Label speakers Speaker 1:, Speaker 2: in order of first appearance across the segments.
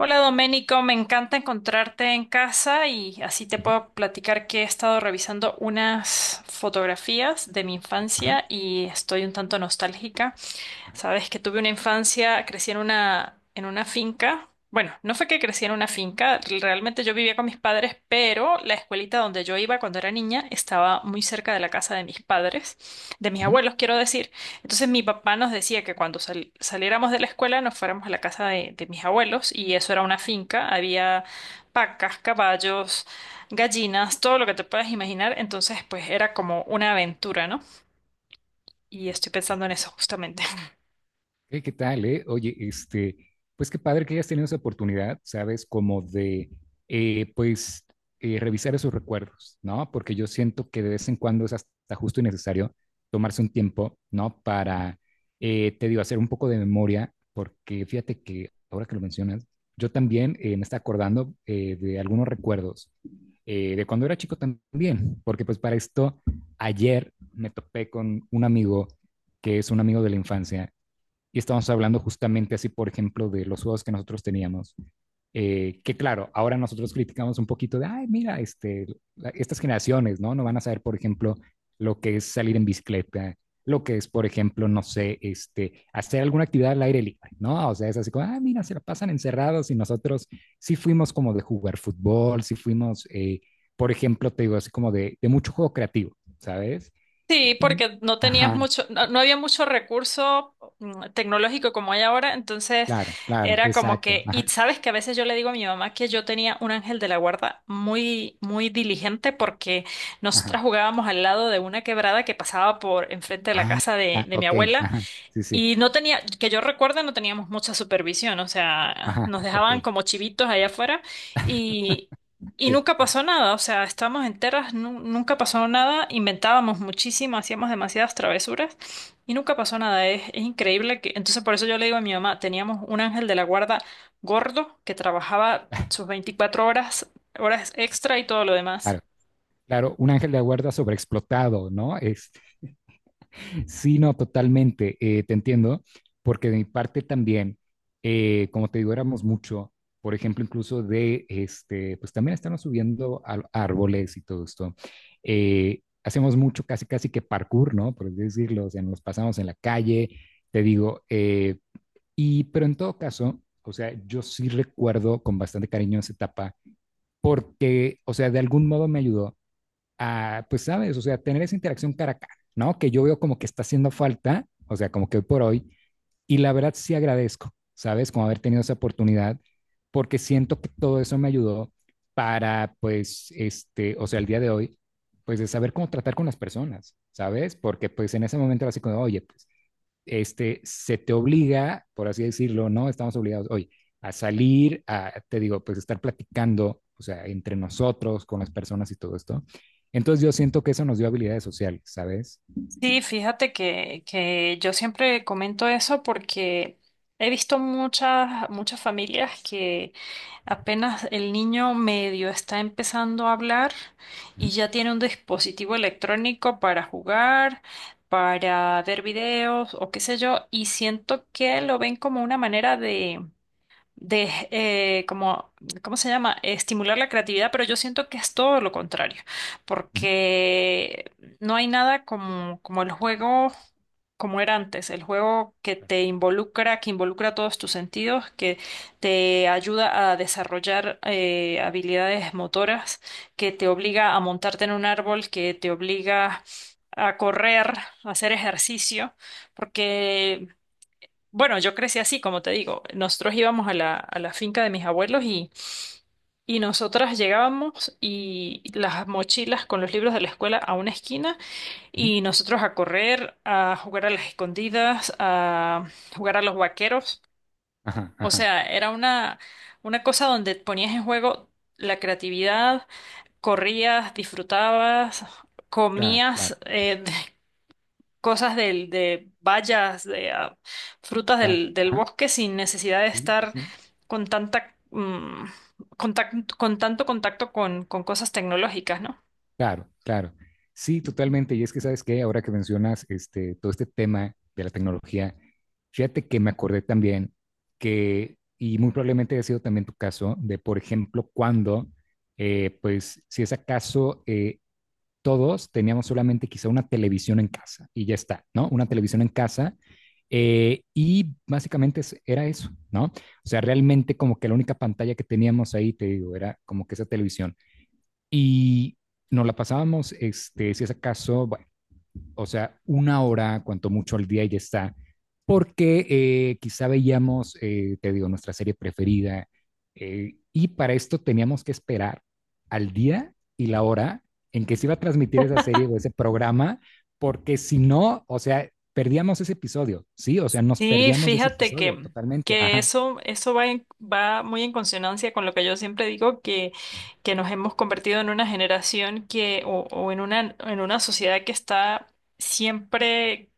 Speaker 1: Hola Doménico, me encanta encontrarte en casa y así te
Speaker 2: Ujú,
Speaker 1: puedo platicar que he estado revisando unas fotografías de mi
Speaker 2: ajá,
Speaker 1: infancia y estoy un tanto nostálgica.
Speaker 2: ajá,
Speaker 1: Sabes que tuve una infancia, crecí en una finca. Bueno, no fue que crecí en una finca, realmente yo vivía con mis padres, pero la escuelita donde yo iba cuando era niña estaba muy cerca de la casa de mis padres, de mis abuelos, quiero decir. Entonces mi papá nos decía que cuando saliéramos de la escuela nos fuéramos a la casa de mis abuelos y eso era una finca, había vacas, caballos, gallinas, todo lo que te puedas imaginar. Entonces, pues era como una aventura, ¿no? Y
Speaker 2: ujú.
Speaker 1: estoy pensando en eso justamente.
Speaker 2: Hey, ¿qué tal, eh? Oye, este, pues qué padre que hayas tenido esa oportunidad, ¿sabes? Como de, pues, revisar esos recuerdos, ¿no? Porque yo siento que de vez en cuando es hasta justo y necesario tomarse un tiempo, ¿no? Para, te digo, hacer un poco de memoria, porque fíjate que ahora que lo mencionas, yo también me está acordando de algunos recuerdos de cuando era chico también, porque pues para esto, ayer me topé con un amigo que es un amigo de la infancia y estamos hablando justamente así, por ejemplo, de los juegos que nosotros teníamos. Que claro, ahora nosotros criticamos un poquito de, ay, mira, este, estas generaciones, ¿no? No van a saber, por ejemplo, lo que es salir en bicicleta, lo que es, por ejemplo, no sé, este, hacer alguna actividad al aire libre, ¿no? O sea, es así como, ah, mira, se la pasan encerrados y nosotros sí fuimos como de jugar fútbol, sí fuimos, por ejemplo, te digo, así como de mucho juego creativo, ¿sabes?
Speaker 1: Sí,
Speaker 2: Y,
Speaker 1: porque no tenías
Speaker 2: ajá,
Speaker 1: mucho, no, no había mucho recurso tecnológico como hay ahora, entonces
Speaker 2: claro, claro,
Speaker 1: era como
Speaker 2: exacto,
Speaker 1: que,
Speaker 2: ajá,
Speaker 1: y sabes que a veces yo le digo a mi mamá que yo tenía un ángel de la guarda muy, muy diligente porque
Speaker 2: ajá.
Speaker 1: nosotras jugábamos al lado de una quebrada que pasaba por enfrente de la
Speaker 2: Ah,
Speaker 1: casa de,
Speaker 2: ah,
Speaker 1: de mi
Speaker 2: ok,
Speaker 1: abuela
Speaker 2: ajá, sí, sí,
Speaker 1: y no tenía, que yo recuerdo, no teníamos mucha supervisión, o sea,
Speaker 2: ajá,
Speaker 1: nos
Speaker 2: ok,
Speaker 1: dejaban como chivitos allá afuera y, y
Speaker 2: sí,
Speaker 1: nunca pasó nada, o sea, estábamos enteras, nunca pasó nada, inventábamos muchísimo, hacíamos demasiadas travesuras y nunca pasó nada, es increíble que, entonces por eso yo le digo a mi mamá, teníamos un ángel de la guarda gordo que trabajaba sus 24 horas, horas extra y todo lo demás.
Speaker 2: claro, claro, un ángel de la guarda sobreexplotado, ¿no? Es, sí, no, totalmente, te entiendo, porque de mi parte también, como te digo, éramos mucho, por ejemplo, incluso de, este, pues también estamos subiendo a árboles y todo esto, hacemos mucho, casi, casi que parkour, ¿no? Por así decirlo, o sea, nos pasamos en la calle, te digo, y, pero en todo caso, o sea, yo sí recuerdo con bastante cariño esa etapa porque, o sea, de algún modo me ayudó a, pues, sabes, o sea, tener esa interacción cara a cara, ¿no? Que yo veo como que está haciendo falta, o sea, como que hoy por hoy, y la verdad sí agradezco, ¿sabes? Como haber tenido esa oportunidad, porque siento que todo eso me ayudó para, pues, este, o sea, el día de hoy, pues, de saber cómo tratar con las personas, ¿sabes? Porque, pues, en ese momento era así como, oye, pues, este, se te obliga, por así decirlo, ¿no? Estamos obligados hoy a salir, a, te digo, pues estar platicando, o sea, entre nosotros, con las personas y todo esto. Entonces yo siento que eso nos dio habilidades sociales, ¿sabes?
Speaker 1: Sí, fíjate que yo siempre comento eso porque he visto muchas, muchas familias que apenas el niño medio está empezando a hablar
Speaker 2: Ujú,
Speaker 1: y ya tiene un dispositivo electrónico para jugar, para ver videos o qué sé yo, y siento que lo ven como una manera de como, ¿cómo se llama? Estimular la creatividad, pero yo siento que es todo lo contrario,
Speaker 2: ujú,
Speaker 1: porque no hay nada como, como el juego como era antes, el juego que te involucra, que involucra todos tus sentidos, que te ayuda a desarrollar habilidades motoras, que te obliga a montarte en un árbol, que te obliga a correr, a hacer ejercicio, porque bueno, yo crecí así, como te digo. Nosotros íbamos a la finca de mis abuelos y nosotras llegábamos y las mochilas con los libros de la escuela a una esquina
Speaker 2: ujú.
Speaker 1: y nosotros a correr, a jugar a las escondidas, a jugar a los vaqueros.
Speaker 2: Ajá,
Speaker 1: O
Speaker 2: ajá,
Speaker 1: sea, era una cosa donde ponías en juego la creatividad, corrías, disfrutabas,
Speaker 2: claro, claro,
Speaker 1: comías. Cosas del, de bayas, de frutas
Speaker 2: claro.
Speaker 1: del, del
Speaker 2: Ajá,
Speaker 1: bosque sin necesidad de
Speaker 2: sí,
Speaker 1: estar
Speaker 2: sí,
Speaker 1: con tanta, con tanto contacto con cosas tecnológicas, ¿no?
Speaker 2: claro, claro. Sí, totalmente. Y es que, ¿sabes qué? Ahora que mencionas este, todo este tema de la tecnología, fíjate que me acordé también que, y muy probablemente ha sido también tu caso, de, por ejemplo, cuando, pues, si es acaso, todos teníamos solamente quizá una televisión en casa y ya está, ¿no? Una televisión en casa. Y básicamente era eso, ¿no? O sea, realmente como que la única pantalla que teníamos ahí, te digo, era como que esa televisión. Y nos la pasábamos, este, si es acaso, bueno, o sea, una hora, cuanto mucho al día y ya está, porque quizá veíamos, te digo, nuestra serie preferida, y para esto teníamos que esperar al día y la hora en que se iba a transmitir esa serie o ese programa, porque si no, o sea, perdíamos ese episodio, ¿sí? O sea, nos
Speaker 1: Sí,
Speaker 2: perdíamos de ese
Speaker 1: fíjate
Speaker 2: episodio totalmente.
Speaker 1: que
Speaker 2: Ajá,
Speaker 1: eso va, va muy en consonancia con lo que yo siempre digo, que nos hemos convertido en una generación que, o en una sociedad que está siempre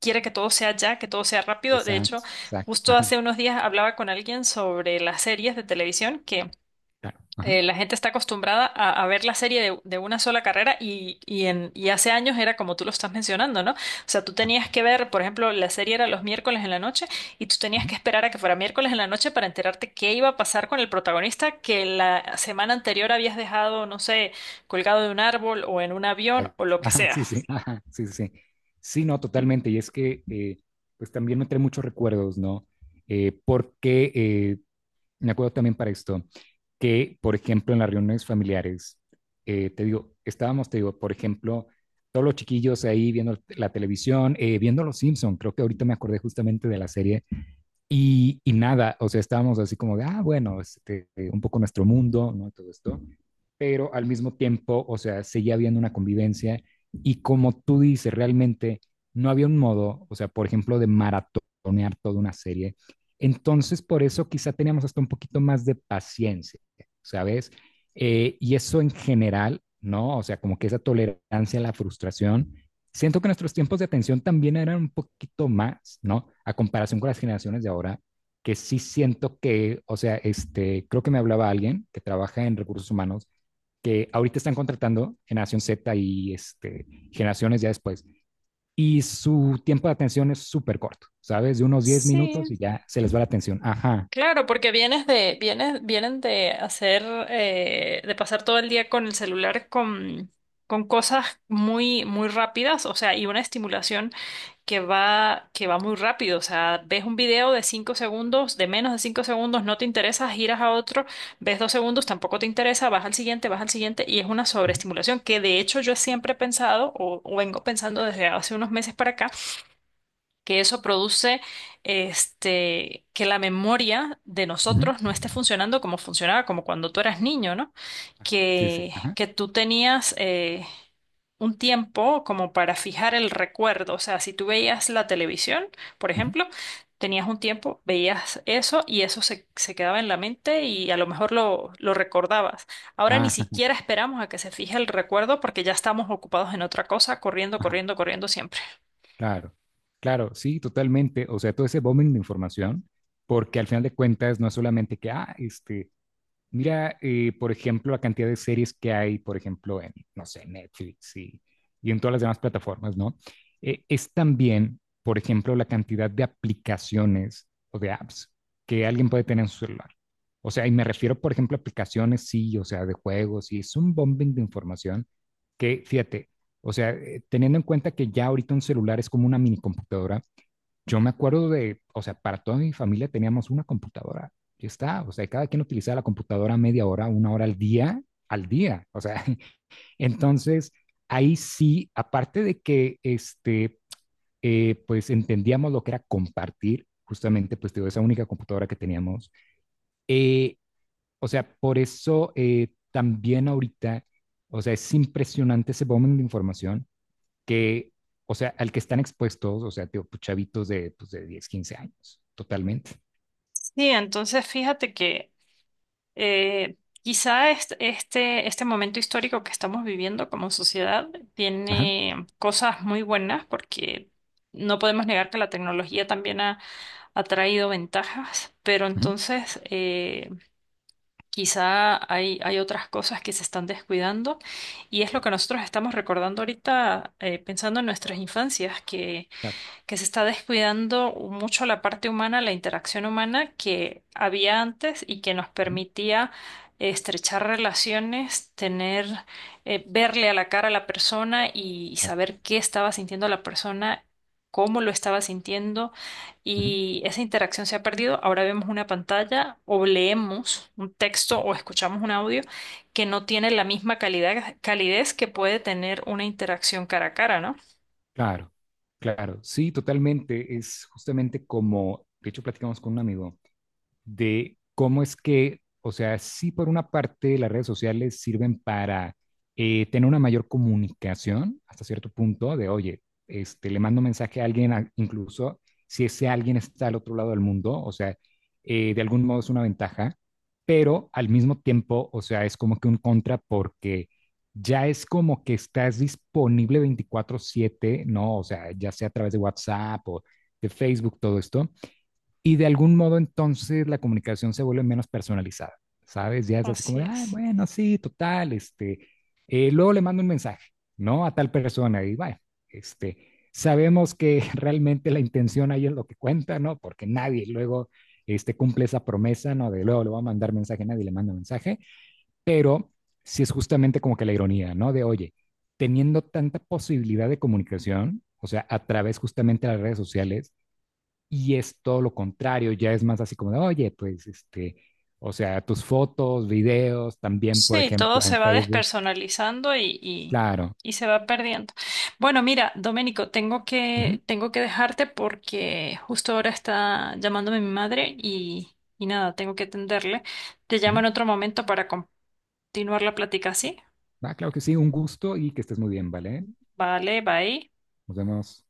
Speaker 1: quiere que todo sea ya, que todo sea rápido. De hecho,
Speaker 2: exacto, exacto,
Speaker 1: justo
Speaker 2: ajá,
Speaker 1: hace unos días hablaba con alguien sobre las series de televisión
Speaker 2: claro, ajá.
Speaker 1: la gente está acostumbrada a ver la serie de una sola carrera y, en, y hace años era como tú lo estás mencionando, ¿no? O sea, tú tenías que ver, por ejemplo, la serie era los miércoles en la noche y tú tenías que esperar a que fuera miércoles en la noche para enterarte qué iba a pasar con el protagonista que la semana anterior habías dejado, no sé, colgado de un árbol o en un avión o
Speaker 2: Exacto.
Speaker 1: lo que
Speaker 2: Ajá,
Speaker 1: sea.
Speaker 2: sí, sí, ajá, sí, sí. Sí, sí, no, totalmente. Y es que, pues también me trae muchos recuerdos, ¿no? Porque me acuerdo también para esto, que, por ejemplo, en las reuniones familiares, te digo, estábamos, te digo, por ejemplo, todos los chiquillos ahí viendo la televisión, viendo Los Simpson, creo que ahorita me acordé justamente de la serie, y nada, o sea, estábamos así como de, ah, bueno, este, un poco nuestro mundo, ¿no? Todo esto, pero al mismo tiempo, o sea, seguía habiendo una convivencia y como tú dices, realmente no había un modo, o sea, por ejemplo, de maratonear toda una serie. Entonces, por eso quizá teníamos hasta un poquito más de paciencia, ¿sabes? Y eso en general, ¿no? O sea, como que esa tolerancia a la frustración. Siento que nuestros tiempos de atención también eran un poquito más, ¿no? A comparación con las generaciones de ahora, que sí siento que, o sea, este, creo que me hablaba alguien que trabaja en recursos humanos que ahorita están contratando generación Z y este, generaciones ya después. Y su tiempo de atención es súper corto, ¿sabes? De unos 10 minutos
Speaker 1: Sí,
Speaker 2: y ya se les va la atención. Ajá.
Speaker 1: claro, porque vienes de, vienes, vienen de hacer, de pasar todo el día con el celular con cosas muy, muy rápidas, o sea, y una estimulación que va muy rápido. O sea, ves un video de cinco segundos, de menos de cinco segundos, no te interesa, giras a otro, ves dos segundos, tampoco te interesa, vas al siguiente, y es una sobreestimulación que de hecho yo siempre he pensado, o vengo pensando desde hace unos meses para acá, que eso produce este, que la memoria de
Speaker 2: Ujú.
Speaker 1: nosotros no esté funcionando como funcionaba, como cuando tú eras niño, ¿no?
Speaker 2: Ajá. Sí, sí. Ajá.
Speaker 1: Que tú tenías un tiempo como para fijar el recuerdo. O sea, si tú veías la televisión, por
Speaker 2: Ujú.
Speaker 1: ejemplo, tenías un tiempo, veías eso y eso se, se quedaba en la mente y a lo mejor lo recordabas. Ahora ni
Speaker 2: Ajá.
Speaker 1: siquiera esperamos a que se fije el recuerdo porque ya estamos ocupados en otra cosa, corriendo,
Speaker 2: Ajá.
Speaker 1: corriendo, corriendo siempre.
Speaker 2: Claro. Claro, sí, totalmente. O sea, todo ese bombing de información, porque al final de cuentas no es solamente que, ah, este, mira, por ejemplo, la cantidad de series que hay, por ejemplo, en, no sé, Netflix y en todas las demás plataformas, ¿no? Es también, por ejemplo, la cantidad de aplicaciones o de apps que alguien puede tener en su celular. O sea, y me refiero, por ejemplo, a aplicaciones, sí, o sea, de juegos, y es un bombing de información que, fíjate, o sea, teniendo en cuenta que ya ahorita un celular es como una minicomputadora, yo me acuerdo de, o sea, para toda mi familia teníamos una computadora. Ya está, o sea, cada quien utilizaba la computadora media hora, una hora al día, al día. O sea, entonces ahí sí, aparte de que este, pues entendíamos lo que era compartir, justamente, pues digo, esa única computadora que teníamos. Eh, o sea, por eso también ahorita, o sea, es impresionante ese volumen de información que, o sea, al que están expuestos, o sea, tío, pues, chavitos de, pues, de 10, 15 años, totalmente.
Speaker 1: Sí, entonces fíjate que eh, quizá este, este momento histórico que estamos viviendo como sociedad
Speaker 2: Ajá,
Speaker 1: tiene cosas muy buenas porque no podemos negar que la tecnología también ha, ha traído ventajas, pero
Speaker 2: ujú,
Speaker 1: entonces quizá hay, hay otras cosas que se están descuidando y es lo que nosotros estamos recordando ahorita pensando en nuestras infancias,
Speaker 2: claro,
Speaker 1: que se está descuidando mucho la parte humana, la interacción humana que había antes y que nos
Speaker 2: ujú,
Speaker 1: permitía estrechar relaciones, tener, verle a la cara a la persona y
Speaker 2: claro,
Speaker 1: saber qué estaba sintiendo la persona, cómo lo estaba sintiendo
Speaker 2: ujú,
Speaker 1: y esa interacción se ha perdido. Ahora vemos una pantalla o leemos un texto
Speaker 2: ujú,
Speaker 1: o escuchamos un audio que no tiene la misma calidad, calidez que puede tener una interacción cara a cara, ¿no?
Speaker 2: claro, claro, sí, totalmente. Es justamente como, de hecho, platicamos con un amigo de cómo es que, o sea, sí por una parte las redes sociales sirven para tener una mayor comunicación hasta cierto punto de, oye, este, le mando un mensaje a alguien, incluso si ese alguien está al otro lado del mundo, o sea, de algún modo es una ventaja, pero al mismo tiempo, o sea, es como que un contra porque ya es como que estás disponible 24/7, ¿no? O sea, ya sea a través de WhatsApp o de Facebook, todo esto. Y de algún modo entonces la comunicación se vuelve menos personalizada, ¿sabes? Ya es así como
Speaker 1: Así
Speaker 2: de, ah,
Speaker 1: es.
Speaker 2: bueno, sí, total, este, luego le mando un mensaje, ¿no? A tal persona y bueno, este, sabemos que realmente la intención ahí es lo que cuenta, ¿no? Porque nadie luego este, cumple esa promesa, ¿no? De luego le va a mandar mensaje, nadie le manda mensaje, pero si sí es justamente como que la ironía, ¿no? De, oye, teniendo tanta posibilidad de comunicación, o sea, a través justamente de las redes sociales, y es todo lo contrario, ya es más así como de, oye, pues este, o sea, tus fotos, videos, también, por
Speaker 1: Sí, todo
Speaker 2: ejemplo, en
Speaker 1: se va
Speaker 2: Facebook.
Speaker 1: despersonalizando
Speaker 2: Claro.
Speaker 1: y se va perdiendo. Bueno, mira, Doménico,
Speaker 2: Ujú,
Speaker 1: tengo que dejarte porque justo ahora está llamándome mi madre y nada, tengo que atenderle. Te llamo
Speaker 2: ujú.
Speaker 1: en otro momento para continuar la plática, ¿sí?
Speaker 2: Ah, claro que sí, un gusto y que estés muy bien, ¿vale?
Speaker 1: Vale, bye.
Speaker 2: Nos vemos.